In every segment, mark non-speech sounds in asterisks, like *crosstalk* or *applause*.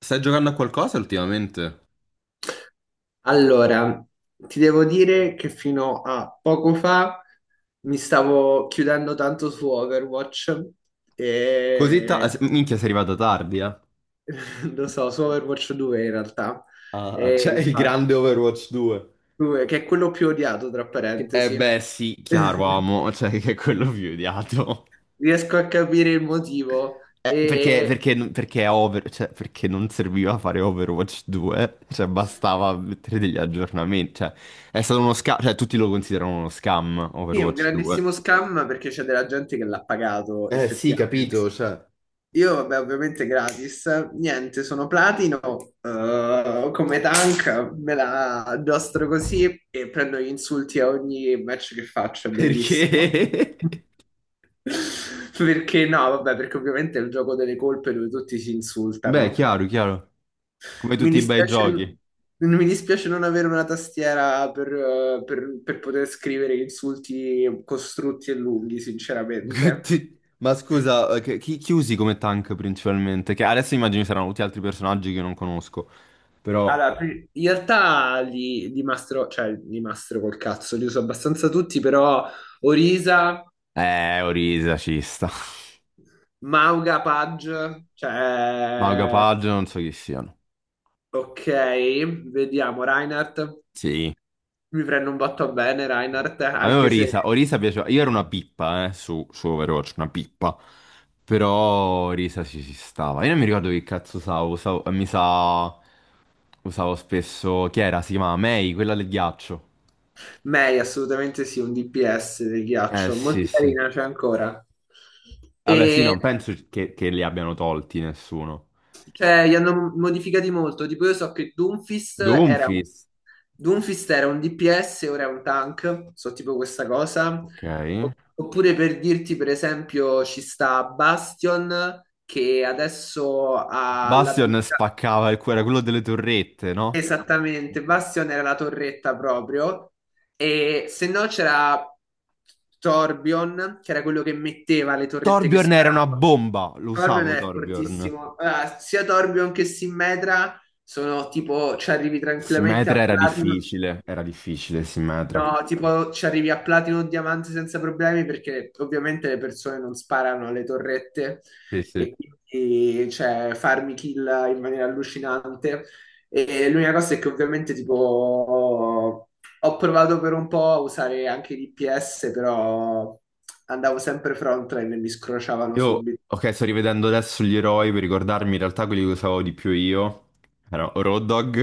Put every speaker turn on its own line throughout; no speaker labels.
Stai giocando a qualcosa ultimamente?
Allora, ti devo dire che fino a poco fa mi stavo chiudendo tanto su Overwatch
Così ta- ah,
e
se- Minchia, sei arrivata tardi, eh?
*laughs* lo so, su Overwatch 2 in realtà.
Ah, c'è
E
il grande
infatti,
Overwatch 2.
2, che è quello più odiato, tra
Eh
parentesi.
beh, sì, chiaro,
*laughs*
amo, *laughs* cioè che è quello più odiato.
Riesco a capire il motivo.
Perché,
E
perché, perché cioè, perché non serviva fare Overwatch 2, cioè bastava mettere degli aggiornamenti, cioè è stato uno scam, cioè tutti lo considerano uno scam
sì, è un
Overwatch
grandissimo
2.
scam perché c'è della gente che l'ha pagato
Eh sì,
effettivamente.
capito, cioè.
Io, vabbè, ovviamente gratis. Niente, sono platino, come tank, me la addostro così e prendo gli insulti a ogni match che faccio, è bellissimo.
Perché?
*laughs* Perché no, vabbè, perché ovviamente è il gioco delle colpe dove tutti si
*laughs* Beh,
insultano.
chiaro, chiaro, come
Mi
tutti i bei
dispiace,
giochi.
mi dispiace non avere una tastiera per poter scrivere insulti costrutti e lunghi,
*laughs*
sinceramente.
Ma scusa, chi usi come tank principalmente? Che adesso immagino ci saranno tutti altri personaggi che non conosco, però.
Allora, in realtà li mastro, cioè li mastro col cazzo, li uso abbastanza tutti, però Orisa,
Orisa ci sta.
Mauga, Page,
*laughs* Mago
cioè...
Paggio non so chi siano.
Ok, vediamo, Reinhardt,
Sì.
mi prendo un botto bene Reinhardt,
A me
anche se
Orisa piaceva. Io ero una pippa, su Overwatch, una pippa. Però Orisa ci si stava. Io non mi ricordo che cazzo usavo... Mi sa. Usavo spesso. Chi era? Si chiamava May, quella del ghiaccio.
Mei assolutamente sì, un DPS del ghiaccio,
Sì,
molto
sì.
carina, c'è ancora.
Vabbè, sì,
E
non penso che li abbiano tolti nessuno.
cioè, gli hanno modificati molto, tipo io so che
Doomfist.
Doomfist era un DPS, ora è un tank, so tipo questa cosa.
Ok.
Oppure per dirti, per esempio, ci sta Bastion che adesso ha
Bastion
l'abilità.
spaccava il cuore, era quello delle torrette, no?
Esattamente, Bastion era la torretta proprio. E se no c'era Torbjorn, che era quello che metteva le torrette che
Torbjorn era una
sparava.
bomba, lo
Thorbion
usavo
è
Torbjorn.
fortissimo. Allora, sia Thorbion che Simmetra sono tipo, ci arrivi tranquillamente a
Simmetra
Platinum.
era difficile Simmetra.
No, tipo ci arrivi a platino o diamante senza problemi perché ovviamente le persone non sparano alle torrette
Sì, sì.
e quindi cioè, farmi kill in maniera allucinante. E l'unica cosa è che ovviamente tipo ho provato per un po' a usare anche l'IPS, però andavo sempre frontline e mi scrociavano
Io,
subito.
ok, sto rivedendo adesso gli eroi per ricordarmi in realtà quelli che usavo di più io. Era Road Dogg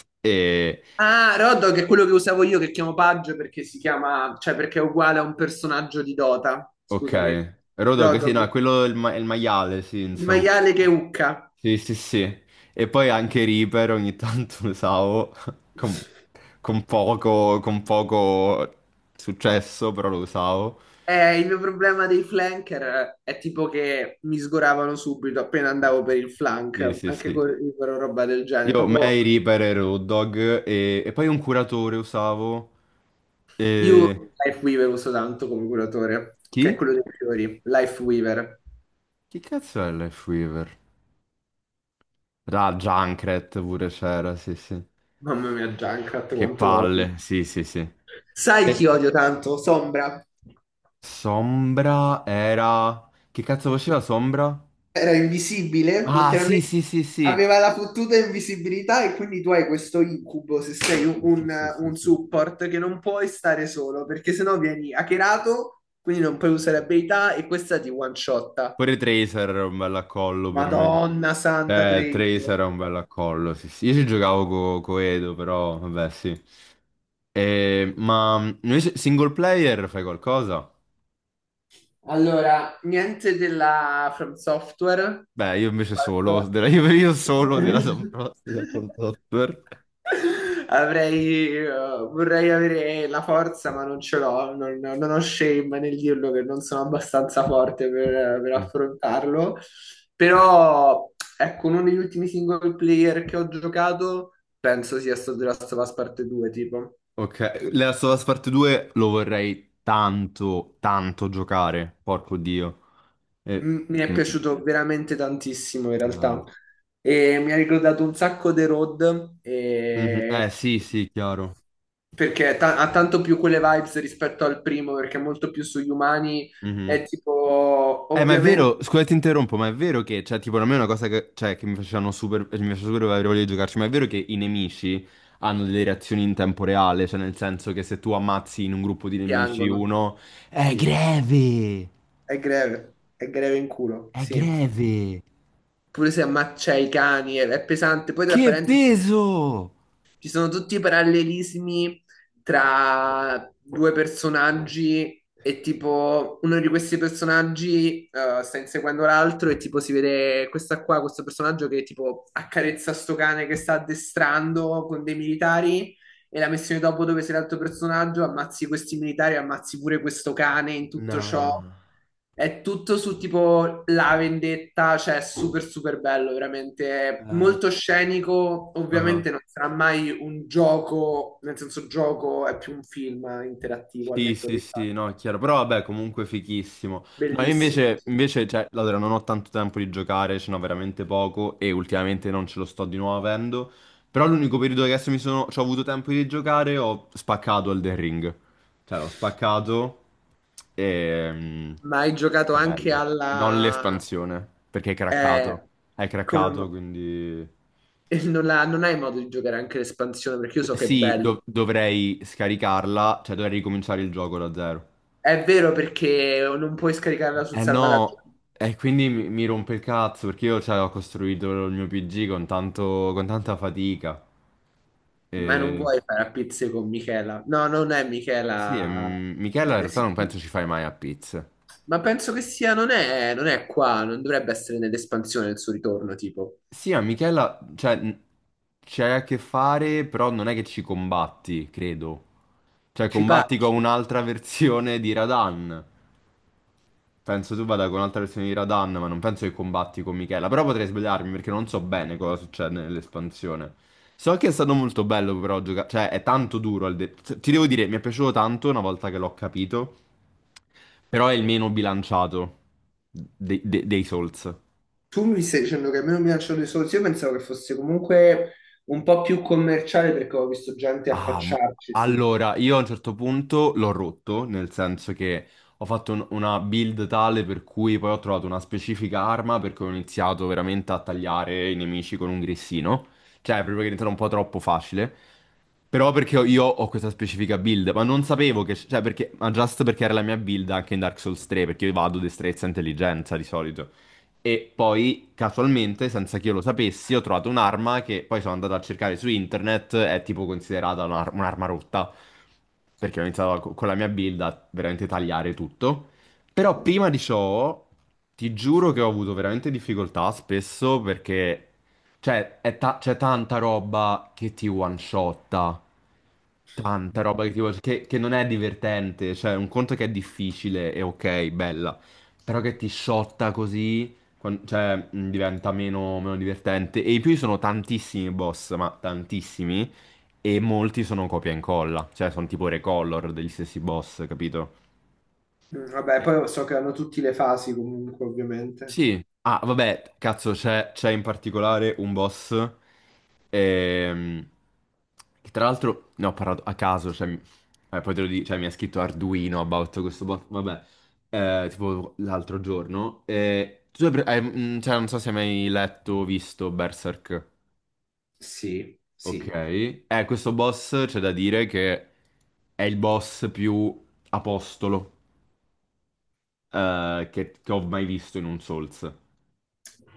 *laughs* e.
Ah, Road Dogg è quello che usavo io che chiamo Paggio perché si chiama, cioè perché è uguale a un personaggio di Dota.
Ok.
Scusami.
Road Dogg,
Road
sì, no,
Dogg,
quello è il maiale, sì,
il
insomma.
maiale che ucca.
Sì, sì, sì. E poi anche Reaper ogni tanto lo usavo *laughs* con, con poco successo, però lo usavo.
Il mio problema dei flanker è tipo che mi sgoravano subito appena
Sì,
andavo
sì.
per il
Sì,
flank,
sì,
anche
sì.
con roba del genere.
Io
Proprio
May, Reaper e Road Dogg e poi un curatore usavo.
io
E.
Life Weaver uso tanto come curatore, che è
Chi?
quello dei fiori. Life Weaver.
Chi cazzo è Life Weaver? Ah, Junkrat pure c'era, sì, sì.
Mamma mia, Junkrat,
Che
quanto lo odio.
palle, sì, sì, sì.
Sai chi
E
odio tanto? Sombra.
Sombra era. Che cazzo faceva Sombra?
Era invisibile,
Ah, sì,
letteralmente
sì, sì, sì.
aveva la fottuta invisibilità e quindi tu hai questo incubo se sei un,
Sì, sì, sì,
un
sì,
support che non puoi stare solo perché sennò vieni hackerato, quindi non puoi
sì,
usare
sì.
abilità e questa ti one shotta.
Pure Tracer era un bel accollo per me.
Madonna santa
Tracer
triste.
era un bel accollo, sì, sì. Io ci giocavo co Edo, però, vabbè, sì. Ma invece single player fai qualcosa?
Allora, niente della From Software.
Beh, io invece solo, *laughs*
Calcola.
io solo della
*laughs*
Front Software.
Avrei, vorrei avere la forza, ma non ce l'ho, non, non ho shame nel dirlo che non sono abbastanza forte per
Sì.
affrontarlo. Però, ecco, uno degli ultimi single player che ho giocato penso sia stato The Last of Us Parte 2, tipo.
Ok, Last of Us Part 2 lo vorrei tanto, tanto giocare, porco Dio. Eh,
Mi è
mm,
piaciuto veramente tantissimo in realtà
ah.
e mi ha ricordato un sacco The Road
Mhm. Eh sì, sì, chiaro.
perché ha tanto più quelle vibes rispetto al primo perché è molto più sugli umani
Mhm.
è tipo
Ma è
ovviamente
vero, scusa, ti interrompo, ma è vero che, cioè, tipo, a me è una cosa che mi facevano super, cioè, mi faceva super avere voglia di giocarci, ma è vero che i nemici hanno delle reazioni in tempo reale, cioè, nel senso che se tu ammazzi in un gruppo di nemici
piangono,
uno, è
sì,
greve,
è greve in culo,
è
sì,
greve,
pure se ammaccia i cani è pesante, poi tra
che
parentesi.
peso!
Ci sono tutti i parallelismi tra due personaggi e tipo uno di questi personaggi sta inseguendo l'altro e tipo si vede questa qua, questo personaggio che tipo accarezza sto cane che sta addestrando con dei militari e la missione dopo dove sei l'altro personaggio, ammazzi questi militari, ammazzi pure questo cane in tutto ciò.
No.
È tutto su tipo la vendetta, cioè è super super bello, veramente. È
Eh,
molto scenico.
ah.
Ovviamente non sarà mai un gioco, nel senso gioco è più un film interattivo al
Sì,
netto
sì,
dei fatti.
sì, no, è chiaro, però vabbè, comunque fichissimo. No, io
Bellissimo,
invece,
sì.
invece, cioè, allora, non ho tanto tempo di giocare, ce n'ho veramente poco e ultimamente non ce lo sto di nuovo avendo, però l'unico periodo che adesso mi sono, c'ho avuto tempo di giocare, ho spaccato Elden Ring. Cioè, l'ho spaccato e
Ma hai giocato
è
anche
bello. Non
alla...
l'espansione, perché è
eh,
craccato. È
come...
craccato,
mo-
quindi.
*laughs* e non hai modo di giocare anche l'espansione, perché io so che è
Sì,
bello.
dovrei scaricarla, cioè dovrei ricominciare il gioco da zero.
È vero perché non puoi scaricarla sul
Eh
salvataggio,
no, e quindi mi rompe il cazzo perché io cioè, ho costruito il mio PG con tanta fatica.
ma non
E.
vuoi fare a pizze con Michela. No, non è
Sì, e,
Michela.
Michela in realtà
Sì.
non penso ci fai mai a pizza.
Ma penso che sia, non è, non è qua, non dovrebbe essere nell'espansione il suo ritorno, tipo.
Sì, a Michela, cioè, c'hai a che fare, però non è che ci combatti, credo. Cioè,
Ci
combatti con
pacchi.
un'altra *laughs* versione di Radan. Penso tu vada con un'altra versione di Radan, ma non penso che combatti con Michela. Però potrei sbagliarmi perché non so bene cosa succede nell'espansione. So che è stato molto bello però giocare, cioè è tanto duro. Ti devo dire, mi è piaciuto tanto una volta che l'ho capito, però è il meno bilanciato dei Souls.
Tu mi stai dicendo che a me non mi piacciono i soldi, io pensavo che fosse comunque un po' più commerciale perché ho visto gente
Ah,
affacciarci, sì.
allora, io a un certo punto l'ho rotto, nel senso che ho fatto una build tale per cui poi ho trovato una specifica arma perché ho iniziato veramente a tagliare i nemici con un grissino. Cioè, proprio che è diventato un po' troppo facile. Però perché io ho questa specifica build, ma non sapevo che. Cioè, perché. Ma just perché era la mia build anche in Dark Souls 3, perché io vado destrezza e intelligenza di solito. E poi, casualmente, senza che io lo sapessi, ho trovato un'arma che poi sono andato a cercare su internet, è tipo considerata un'arma rotta, perché ho iniziato con la mia build a veramente tagliare tutto. Però prima di ciò, ti giuro che ho avuto veramente difficoltà spesso perché, cioè, c'è tanta roba che ti one-shotta. Tanta roba che non è divertente, cioè un conto che è difficile e ok, bella, però che ti sciotta così, cioè diventa meno divertente. E in più ci sono tantissimi boss, ma tantissimi, e molti sono copia e incolla, cioè sono tipo recolor degli stessi boss, capito?
Mm, vabbè, poi so che hanno tutte le fasi comunque, ovviamente.
Sì. Ah, vabbè, cazzo, c'è in particolare un boss ehm, che tra l'altro ne ho parlato a caso, cioè, poi te lo dico, cioè, mi ha scritto Arduino about questo boss, vabbè, tipo l'altro giorno. Tu hai cioè, non so se hai mai letto o visto Berserk.
Sì,
Ok,
sì.
questo boss c'è da dire che è il boss più apostolo che ho mai visto in un Souls.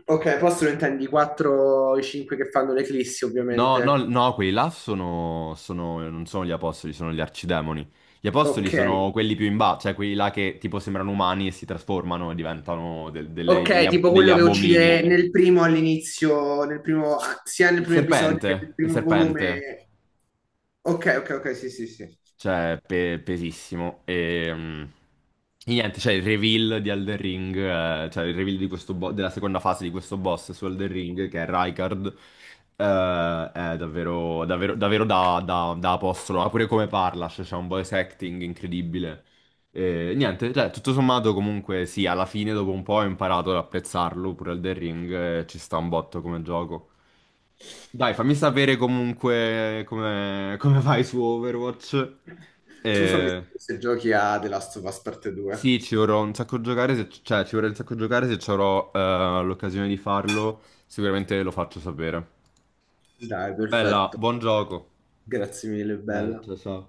Ok, posto lo intendi 4 i 5 che fanno l'eclissi,
No, no,
ovviamente.
no, quelli là non sono gli apostoli, sono gli arcidemoni. Gli apostoli
Ok.
sono quelli più in basso, cioè quelli là che tipo sembrano umani e si trasformano e diventano del- delle- degli,
Ok,
ab-
tipo
degli
quello che uccide
abomini.
nel primo all'inizio, nel primo, ah, sia nel
Il
primo episodio
serpente,
che nel
il
primo
serpente.
volume. Ok, ok, ok, sì, sì, sì.
Cioè, pesissimo. E niente, cioè il reveal di Elden Ring, cioè il reveal di questo della seconda fase di questo boss su Elden Ring, che è Rykard, è davvero, davvero, davvero da apostolo. Ma pure come parla, cioè, c'è un voice acting incredibile. E, niente, cioè, tutto sommato comunque sì, alla fine dopo un po' ho imparato ad apprezzarlo, pure Elden Ring, ci sta un botto come gioco. Dai, fammi sapere comunque come vai su Overwatch.
Tu fammi
Eh,
sapere se giochi a The Last of Us parte 2.
sì, ci vorrei un sacco giocare se ci avrò l'occasione di farlo. Sicuramente lo faccio sapere.
Dai,
Bella,
perfetto.
buon gioco.
Grazie mille,
Bella,
bella.
ciao ciao.